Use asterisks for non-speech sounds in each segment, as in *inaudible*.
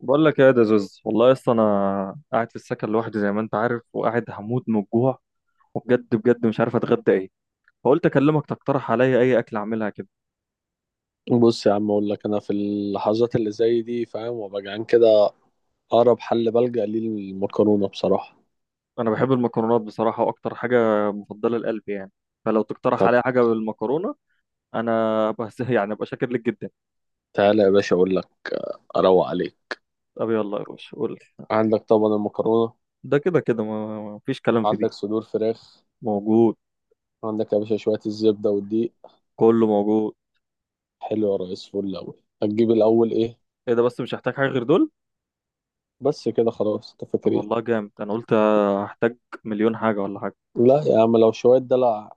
بقول لك ايه يا دزوز؟ والله يا اسطى، انا قاعد في السكن لوحدي زي ما انت عارف، وقاعد هموت من الجوع. وبجد بجد مش عارف اتغدى ايه، فقلت اكلمك تقترح عليا اي اكل اعملها كده. بص يا عم اقول لك انا في اللحظات اللي زي دي فاهم وابقى جعان كده. اقرب حل بلجأ ليه المكرونه بصراحه. انا بحب المكرونات بصراحه، واكتر حاجه مفضله لقلبي يعني. فلو تقترح طب عليا حاجه بالمكرونه، انا بس *laughs* يعني ابقى شاكر لك جدا. تعالى يا باشا اقول لك اروق عليك. طب يلا يا باشا، قول لي. عندك طبعا المكرونه، ده كده كده ما فيش كلام في عندك دي. صدور فراخ، موجود. عندك يا باشا شويه الزبده والدقيق. كله موجود. حلو يا ريس فل. الاول هتجيب الاول ايه؟ ايه ده؟ بس مش هحتاج حاجه غير دول. بس كده خلاص، انت فاكر طب ايه؟ والله جامد، انا قلت هحتاج مليون حاجه ولا حاجه. لا يا عم لو شويه دلع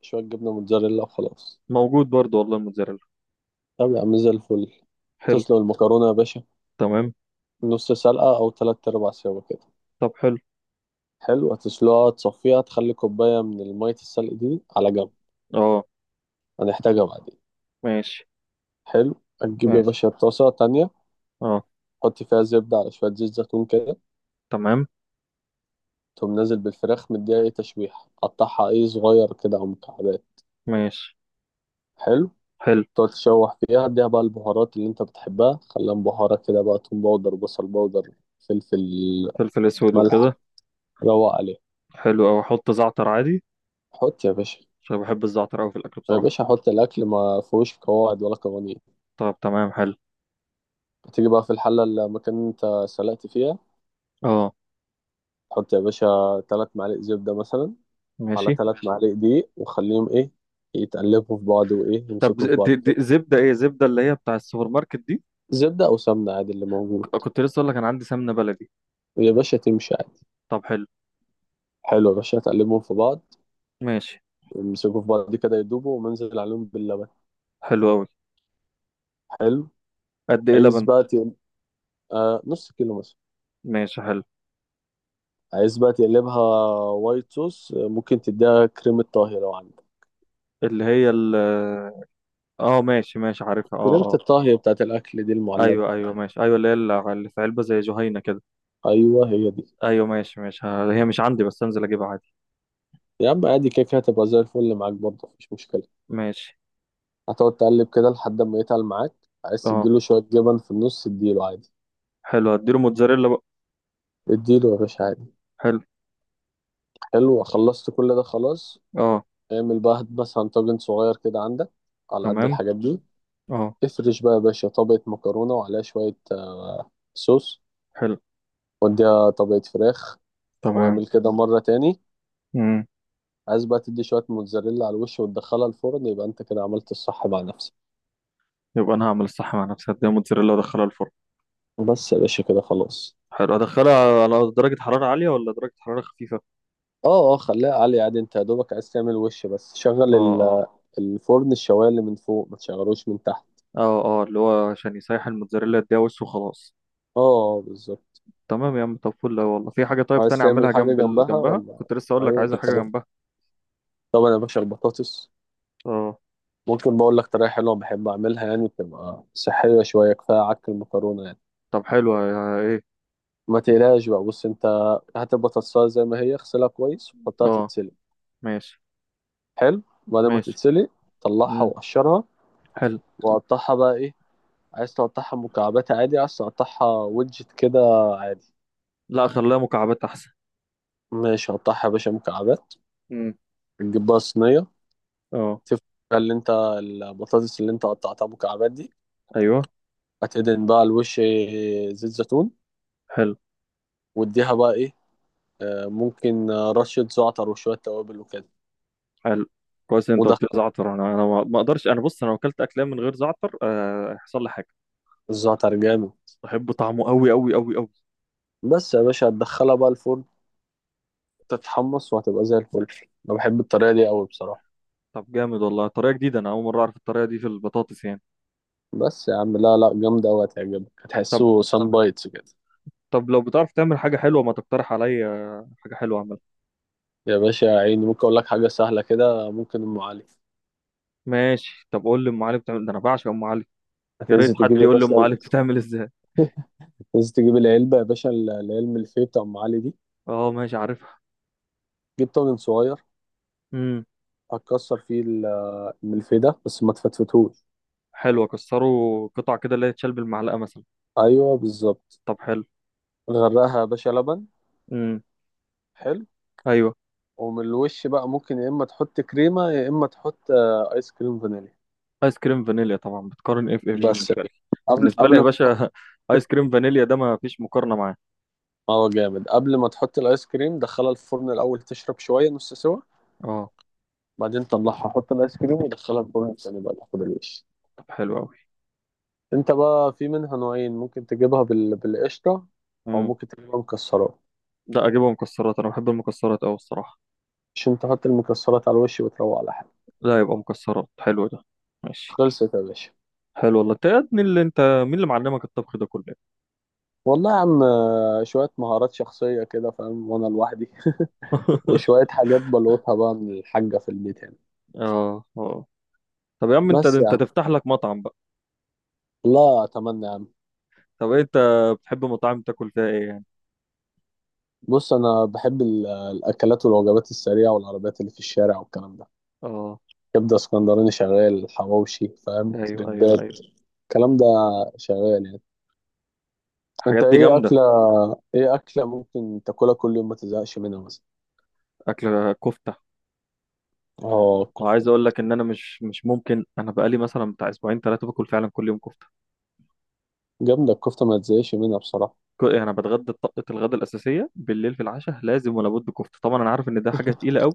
شويه جبنه موتزاريلا وخلاص. موجود برضو والله الموتزاريلا. طب يا عم زي الفل. حلو. تسلق المكرونه يا باشا تمام. نص سلقه او تلات ارباع سوا كده. طب حلو. حلو، هتسلقها تصفيها تخلي كوباية من المية السلق دي على جنب، اه. هنحتاجها بعدين. ماشي. حلو. هتجيب يا ماشي. باشا طاسة تانية، اه. حط فيها زبدة على شوية زيت زيتون كده. تمام. تقوم نازل بالفراخ مديها ايه تشويح، قطعها ايه صغير كده أو مكعبات. ماشي. حلو. حلو. تقعد تشوح فيها، اديها بقى البهارات اللي انت بتحبها، خليها مبهرة كده بقى، توم باودر بصل باودر فلفل فلفل اسود ملح. وكده. روق عليها. حلو اوي، احط زعتر عادي؟ حط يا باشا. عشان بحب الزعتر اوي في الاكل يا بصراحة. باشا حط الأكل، ما فيهوش قواعد ولا قوانين. طب تمام، حلو. هتيجي بقى في الحلة اللي المكان اللي انت سلقت فيها، اه. حط يا باشا ثلاث معالق زبدة مثلا على ماشي. ثلاث معالق دقيق، وخليهم ايه يتقلبوا في بعض وايه طب ز- يمسكوا في بعض دي دي كده. زبدة ايه؟ زبدة اللي هي بتاع السوبر ماركت دي؟ زبدة او سمنة عادي اللي موجود، كنت لسه اقول لك، انا عندي سمنة بلدي. ويا باشا تمشي عادي. طب حلو. حلو يا باشا تقلبهم في بعض، ماشي. يمسكوا في بعض كده يدوبوا ومنزل عليهم باللبن. حلو اوي. حلو. قد ايه عايز لبن؟ بقى آه نص كيلو مثلا. ماشي حلو. عايز بقى تقلبها وايت صوص، ممكن تديها كريمة طهي لو عندك. اللي هي ال- اه، ماشي ماشي، عارفها، اه كريمة اه. الطهي بتاعت الأكل دي المعلبة، ايوه ايوه ماشي، ايوه اللي هي اللي في علبة زي جهينة كده. أيوه هي دي. ايوه ماشي ماشي، هي مش عندي، بس انزل اجيبها عادي. يا عم عادي كده كده، هتبقى زي الفل معاك برضه مفيش مشكلة. ماشي. هتقعد تقلب كده لحد ما يتقل معاك. عايز اه. تديله شوية جبن في النص اديله عادي، حلو، هديله موتزاريلا بقى. اديله يا باشا عادي. حلو. حلو خلصت كل ده خلاص. اه. اعمل بقى، هات مثلا طاجن صغير كده عندك على قد تمام. الحاجات دي. اه. افرش بقى يا باشا طبقة مكرونة وعليها شوية صوص، حلو. واديها طبقة فراخ. تمام. واعمل كده مرة تاني. امم. عايز بقى تدي شوية موتزاريلا على الوش وتدخلها الفرن، يبقى انت كده عملت الصح مع نفسك. يبقى انا هعمل الصح مع نفسي، هديها موتزاريلا وادخلها الفرن. بس يا باشا كده خلاص. حلو، ادخلها على درجة حرارة عالية ولا درجة حرارة خفيفة؟ اه اه، خليها عالية عادي، انت يا دوبك عايز تعمل وش بس شغل. اه اه. الفرن الشوايه اللي من فوق، ما تشغلوش من تحت. اه اه، اللي هو عشان يسيح الموتزاريلا، يديها وش وخلاص. اه بالظبط. تمام يا عم. طب فل أوي والله. في حاجة طيب عايز تاني تعمل اعملها حاجه جنب ال... جنبها جنبها؟ ولا؟ كنت لسه اقول لك ايوه عايزة كنت حاجة عارف. جنبها. طبعا يا باشا البطاطس، اه. ممكن بقول لك طريقه حلوه بحب اعملها، يعني بتبقى صحيه شويه كفايه عك المكرونه يعني. طب حلو، ايه؟ ما تقلقش بقى، بص انت، هات البطاطسايه زي ما هي اغسلها كويس وحطها اه. تتسلق. ماشي حلو، بعد ما ماشي. تتسلق طلعها امم. وقشرها، حلو. وقطعها بقى ايه، عايز تقطعها مكعبات عادي، عايز تقطعها ويدجت كده عادي. لا، خليها مكعبات احسن. ماشي قطعها يا باشا مكعبات. امم. تجيب بقى صينيه، اه. تفرق اللي انت البطاطس اللي انت قطعتها مكعبات دي، ايوه. هتدهن بقى الوش زيت زيتون، حلو. واديها بقى ايه، ممكن رشة زعتر وشوية توابل وكده. حلو، كويس إن انت ودخل. قلت لي زعتر. انا ما اقدرش. انا بص، انا لو اكلت اكلام من غير زعتر هيحصل لي حاجه. الزعتر جامد. بحب طعمه قوي قوي قوي قوي. بس يا باشا هتدخلها بقى الفرن تتحمص وهتبقى زي الفل. انا بحب الطريقة دي قوي بصراحة. طب جامد والله، طريقه جديده، انا اول مره اعرف الطريقه دي في البطاطس يعني. بس يا عم، لا لا جامدة قوي هتعجبك، طب، هتحسه سان بايتس كده. طب لو بتعرف تعمل حاجه حلوه، ما تقترح عليا حاجه حلوه اعملها. يا باشا يا عيني ممكن اقول لك حاجة سهلة كده، ممكن ام علي. ماشي، طب قول لي ام علي بتعمل ده، انا بعشق ام علي. يا ريت هتنزل تجيب حد يا يقول لي باشا، ام علي بتتعمل ازاي. هتنزل تجيب العلبة يا باشا، العلبة اللي فيه بتاع ام علي دي. اه ماشي، عارفها. جيب طاجن صغير. امم. هتكسر فيه الملفيه بس ما تفتفتهوش. حلو، اكسره قطع كده اللي هي تشال بالمعلقه مثلا. ايوه بالظبط. طب حلو. نغرقها يا باشا لبن. امم. حلو. ايوه. ومن الوش بقى ممكن يا اما تحط كريمه يا اما تحط ايس كريم فانيليا. ايس كريم فانيليا؟ طبعا، بتقارن ايه في ايه بس يا بالنسبه لي؟ باشا. قبل بالنسبه لي يا قبل باشا *laughs* ايس كريم فانيليا ده ما فيش مقارنه معاه. ما هو جامد، قبل ما تحط الايس كريم دخلها الفرن الاول تشرب شويه نص سوا، اه. بعدين طلعها حط الايس كريم ودخلها الفرن تاني بقى تاخد الوش. طب حلو قوي. انت بقى في منها نوعين، ممكن تجيبها بالقشطه او امم. ممكن تجيبها مكسرات، لا، اجيبها مكسرات، انا بحب المكسرات قوي الصراحه. عشان تحط المكسرات على الوش وتروق على حالك. لا، يبقى مكسرات، حلو ده. ماشي. خلصت يا باشا. حلو والله، انت يا ابني اللي انت، مين اللي معلمك الطبخ ده كله؟ والله يا عم، شوية مهارات شخصية كده فاهم، وأنا لوحدي *laughs* *laughs* وشوية حاجات بلوتها بقى من الحاجة في البيت يعني. اه اه. طب يا عم، انت بس انت يعني. تفتح لك مطعم بقى. لا أتمنى يعني. طب إيه، انت بتحب مطاعم تاكل فيها ايه يعني؟ بص أنا بحب الأكلات والوجبات السريعة والعربيات اللي في الشارع والكلام ده. اه. كبدة اسكندراني شغال، حواوشي فاهم، ايوه ايوه كريبات، ايوه. الكلام ده شغال يعني. أنت الحاجات دي إيه جامده. أكلة، إيه أكلة ممكن تاكلها كل يوم ما تزهقش منها مثلا؟ اكل كفته. آه الكفتة. وعايز اقول لك ان انا مش ممكن، انا بقالي مثلا بتاع اسبوعين ثلاثه باكل فعلا كل يوم كفته. جامدة الكفتة ما تزهقش منها بصراحة. يعني انا بتغدى طقه الغداء الاساسيه، بالليل في العشاء لازم ولا بد كفته. طبعا انا عارف ان ده حاجه *laughs* تقيله قوي،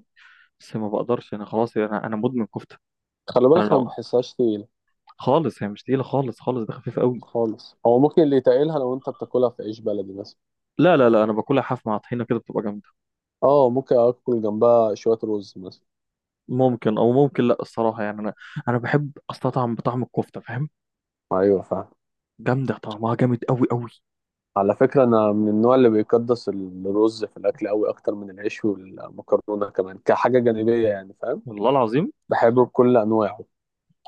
بس ما بقدرش، انا خلاص، انا مدمن كفته. خلي انا بالك أنا لو ما بحسهاش تقيلة، خالص، هي مش تقيله خالص خالص، ده خفيف قوي. خالص. هو ممكن اللي يتقلها لو انت بتاكلها في عيش بلدي مثلا. لا لا لا، انا باكلها حاف مع طحينه كده، بتبقى جامده. اه ممكن اكل جنبها شويه رز مثلا. ممكن، او ممكن لا الصراحه يعني. انا بحب استطعم بطعم الكفته، فاهم؟ ايوه فاهم. جامده، طعمها جامد قوي قوي. على فكره انا من النوع اللي بيقدس الرز في الاكل قوي، اكتر من العيش والمكرونه كمان كحاجه جانبيه يعني فاهم. والله العظيم. بحبه بكل انواعه.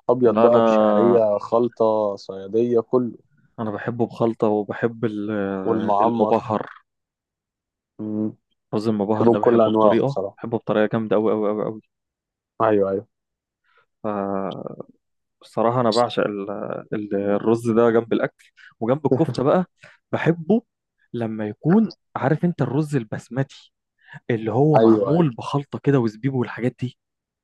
ابيض لا، انا بقى، بشعريه، خلطه، صياديه، كله. انا بحبه بخلطه، وبحب ال- والمعمر. المبهر. مم. كاظم مبهر بحبه ده بكل بحبه انواعه بطريقة، بصراحه. بحبه بطريقة جامدة أوي أوي أوي أوي. ايوه ايوه. فالصراحة أنا بعشق ال- ال- الرز ده جنب الأكل وجنب الكفتة بقى. بحبه لما يكون، عارف أنت الرز البسمتي اللي هو ايوه ايوه معمول بخلطة كده وزبيب والحاجات دي؟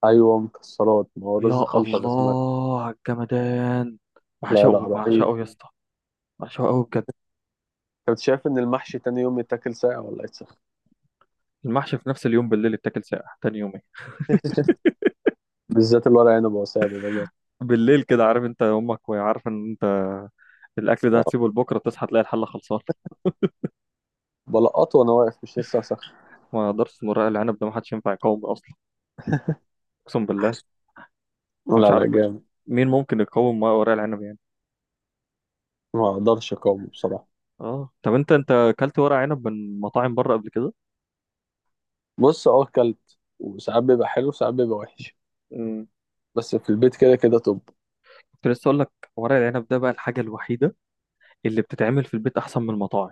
ايوه مكسرات، ما هو رز يا خلطه ده اسمها. الله على الجمدان. لا لا بعشقه، رهيب. بعشقه يا اسطى. بعشقه أوي بجد. كنت شايف ان المحشي تاني يوم يتاكل ساقع ولا يتسخن؟ المحشي في نفس اليوم بالليل اتاكل ساقع تاني يومين. بالذات الورق عنب، هو ساقع بيبقى جامد. بالليل كده، عارف انت امك، وعارف ان انت الاكل ده اه. هتسيبه لبكره، تصحى تلاقي الحله خلصانه. بلقطه وانا واقف مش لسه اسخن. ما درس ورق العنب ده، ما حدش ينفع يقاوم اصلا. اقسم بالله، انا مش لا لا عارف جامد. مين ممكن يقاوم مع ورق العنب يعني. ما اقدرش اقاومه بصراحه. اه. طب انت اكلت ورق عنب من مطاعم بره قبل كده؟ بص اه اكلت، وساعات بيبقى حلو وساعات بيبقى وحش. مم. بس في البيت كده كده طب. كنت لسه اقول لك، ورق العنب ده بقى الحاجه الوحيده اللي بتتعمل في البيت احسن من المطاعم.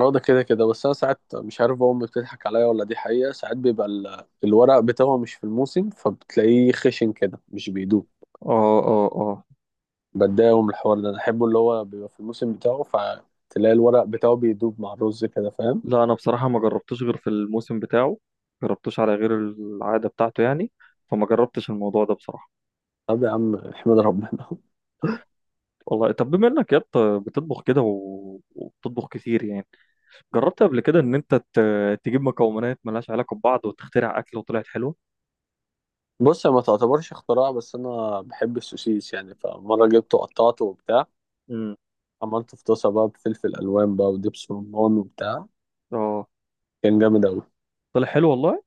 اه ده كده كده، بس انا ساعات مش عارف امي بتضحك عليا ولا دي حقيقه، ساعات بيبقى الورق بتاعه مش في الموسم فبتلاقيه خشن كده مش بيدوب. اه اه اه. بتضايق من الحوار ده، انا احبه اللي هو بيبقى في الموسم بتاعه فتلاقي الورق بتاعه بيدوب مع الرز كده فاهم. لا انا بصراحه ما جربتوش غير في الموسم بتاعه، جربتوش على غير العاده بتاعته يعني، فما جربتش الموضوع ده بصراحه. طب يا عم احمد ربنا. والله طب، بما انك يا اسطى بتطبخ كده وبتطبخ كتير يعني، جربت قبل كده ان انت تجيب مكونات ملهاش علاقة ببعض وتخترع اكل وطلعت حلوة؟ بص هي ما تعتبرش اختراع، بس انا بحب السوسيس يعني، فمره جبته قطعته وبتاع، امم. عملته في طاسه بقى بفلفل الوان بقى ودبس رمان وبتاع، اه. كان جامد اوي. طلع حلو والله.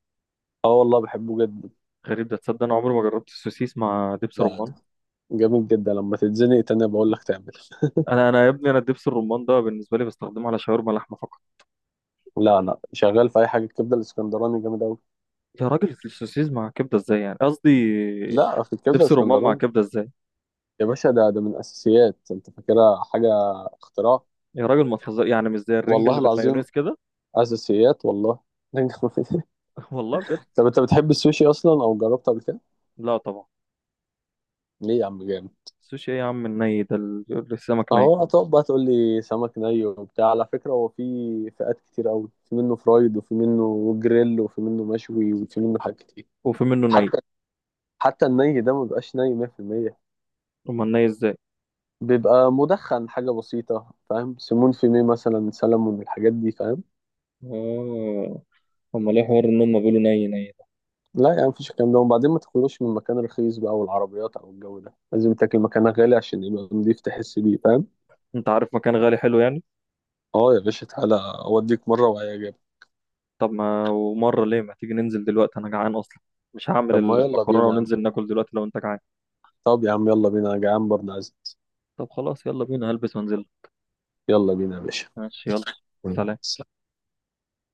اه والله بحبه جدا. غريب ده، تصدق انا عمري ما جربت السوسيس مع دبس لا رمان. لا، جامد جدا، لما تتزنق تاني بقول لك تعمل. انا يا ابني، انا دبس الرمان ده بالنسبة لي بستخدمه على شاورما لحمة فقط. *laughs* لا لا شغال في اي حاجه، الكبده الاسكندراني جامد اوي. يا راجل، السوسيس مع كبدة ازاي يعني؟ قصدي لا في الكبده دبس الرمان مع الاسكندراني. كبدة ازاي؟ يا باشا ده من اساسيات، انت فاكرها حاجه اختراع؟ يا راجل ما تهزر، يعني مش زي الرنجة والله اللي العظيم بالمايونيز كده؟ اساسيات والله. *laughs* *laughs* والله بجد. طب انت بتحب السوشي اصلا او جربته قبل كده؟ لا طبعا. ليه يا عم جامد. السوشي ايه يا عم؟ الني ده، ال- السمك ني. اهو هتقعد بقى تقول لي سمك ني وبتاع، على فكرة هو في فئات كتير قوي، في منه فرايد وفي منه جريل وفي منه مشوي وفي منه حاجات كتير. وفي منه ني؟ حتى حتى الني ده ما بيبقاش ني 100%. امال ني ازاي؟ بيبقى مدخن حاجة بسيطة فاهم، سمون في ميه مثلا، سلمون الحاجات دي فاهم. اه. امال ايه حوار ان هم بيقولوا ني ني؟ لا يعني مفيش الكلام ده، وبعدين ما تاكلوش من مكان رخيص بقى، والعربيات او الجو ده لازم تاكل مكان غالي عشان يبقى نضيف تحس بيه فاهم. انت عارف مكان غالي حلو يعني؟ اه يا باشا تعالى اوديك مرة وهيعجبك. طب ما ومره ليه، ما تيجي ننزل دلوقتي؟ انا جعان اصلا، مش هعمل طب ما يلا المكرونه، بينا يا عم. وننزل ناكل دلوقتي لو انت جعان. طب يا عم يلا بينا انا جعان برضه عايز. طب خلاص، يلا بينا، هلبس وانزل. يلا بينا يا باشا. ماشي، يلا. يلا. سلام.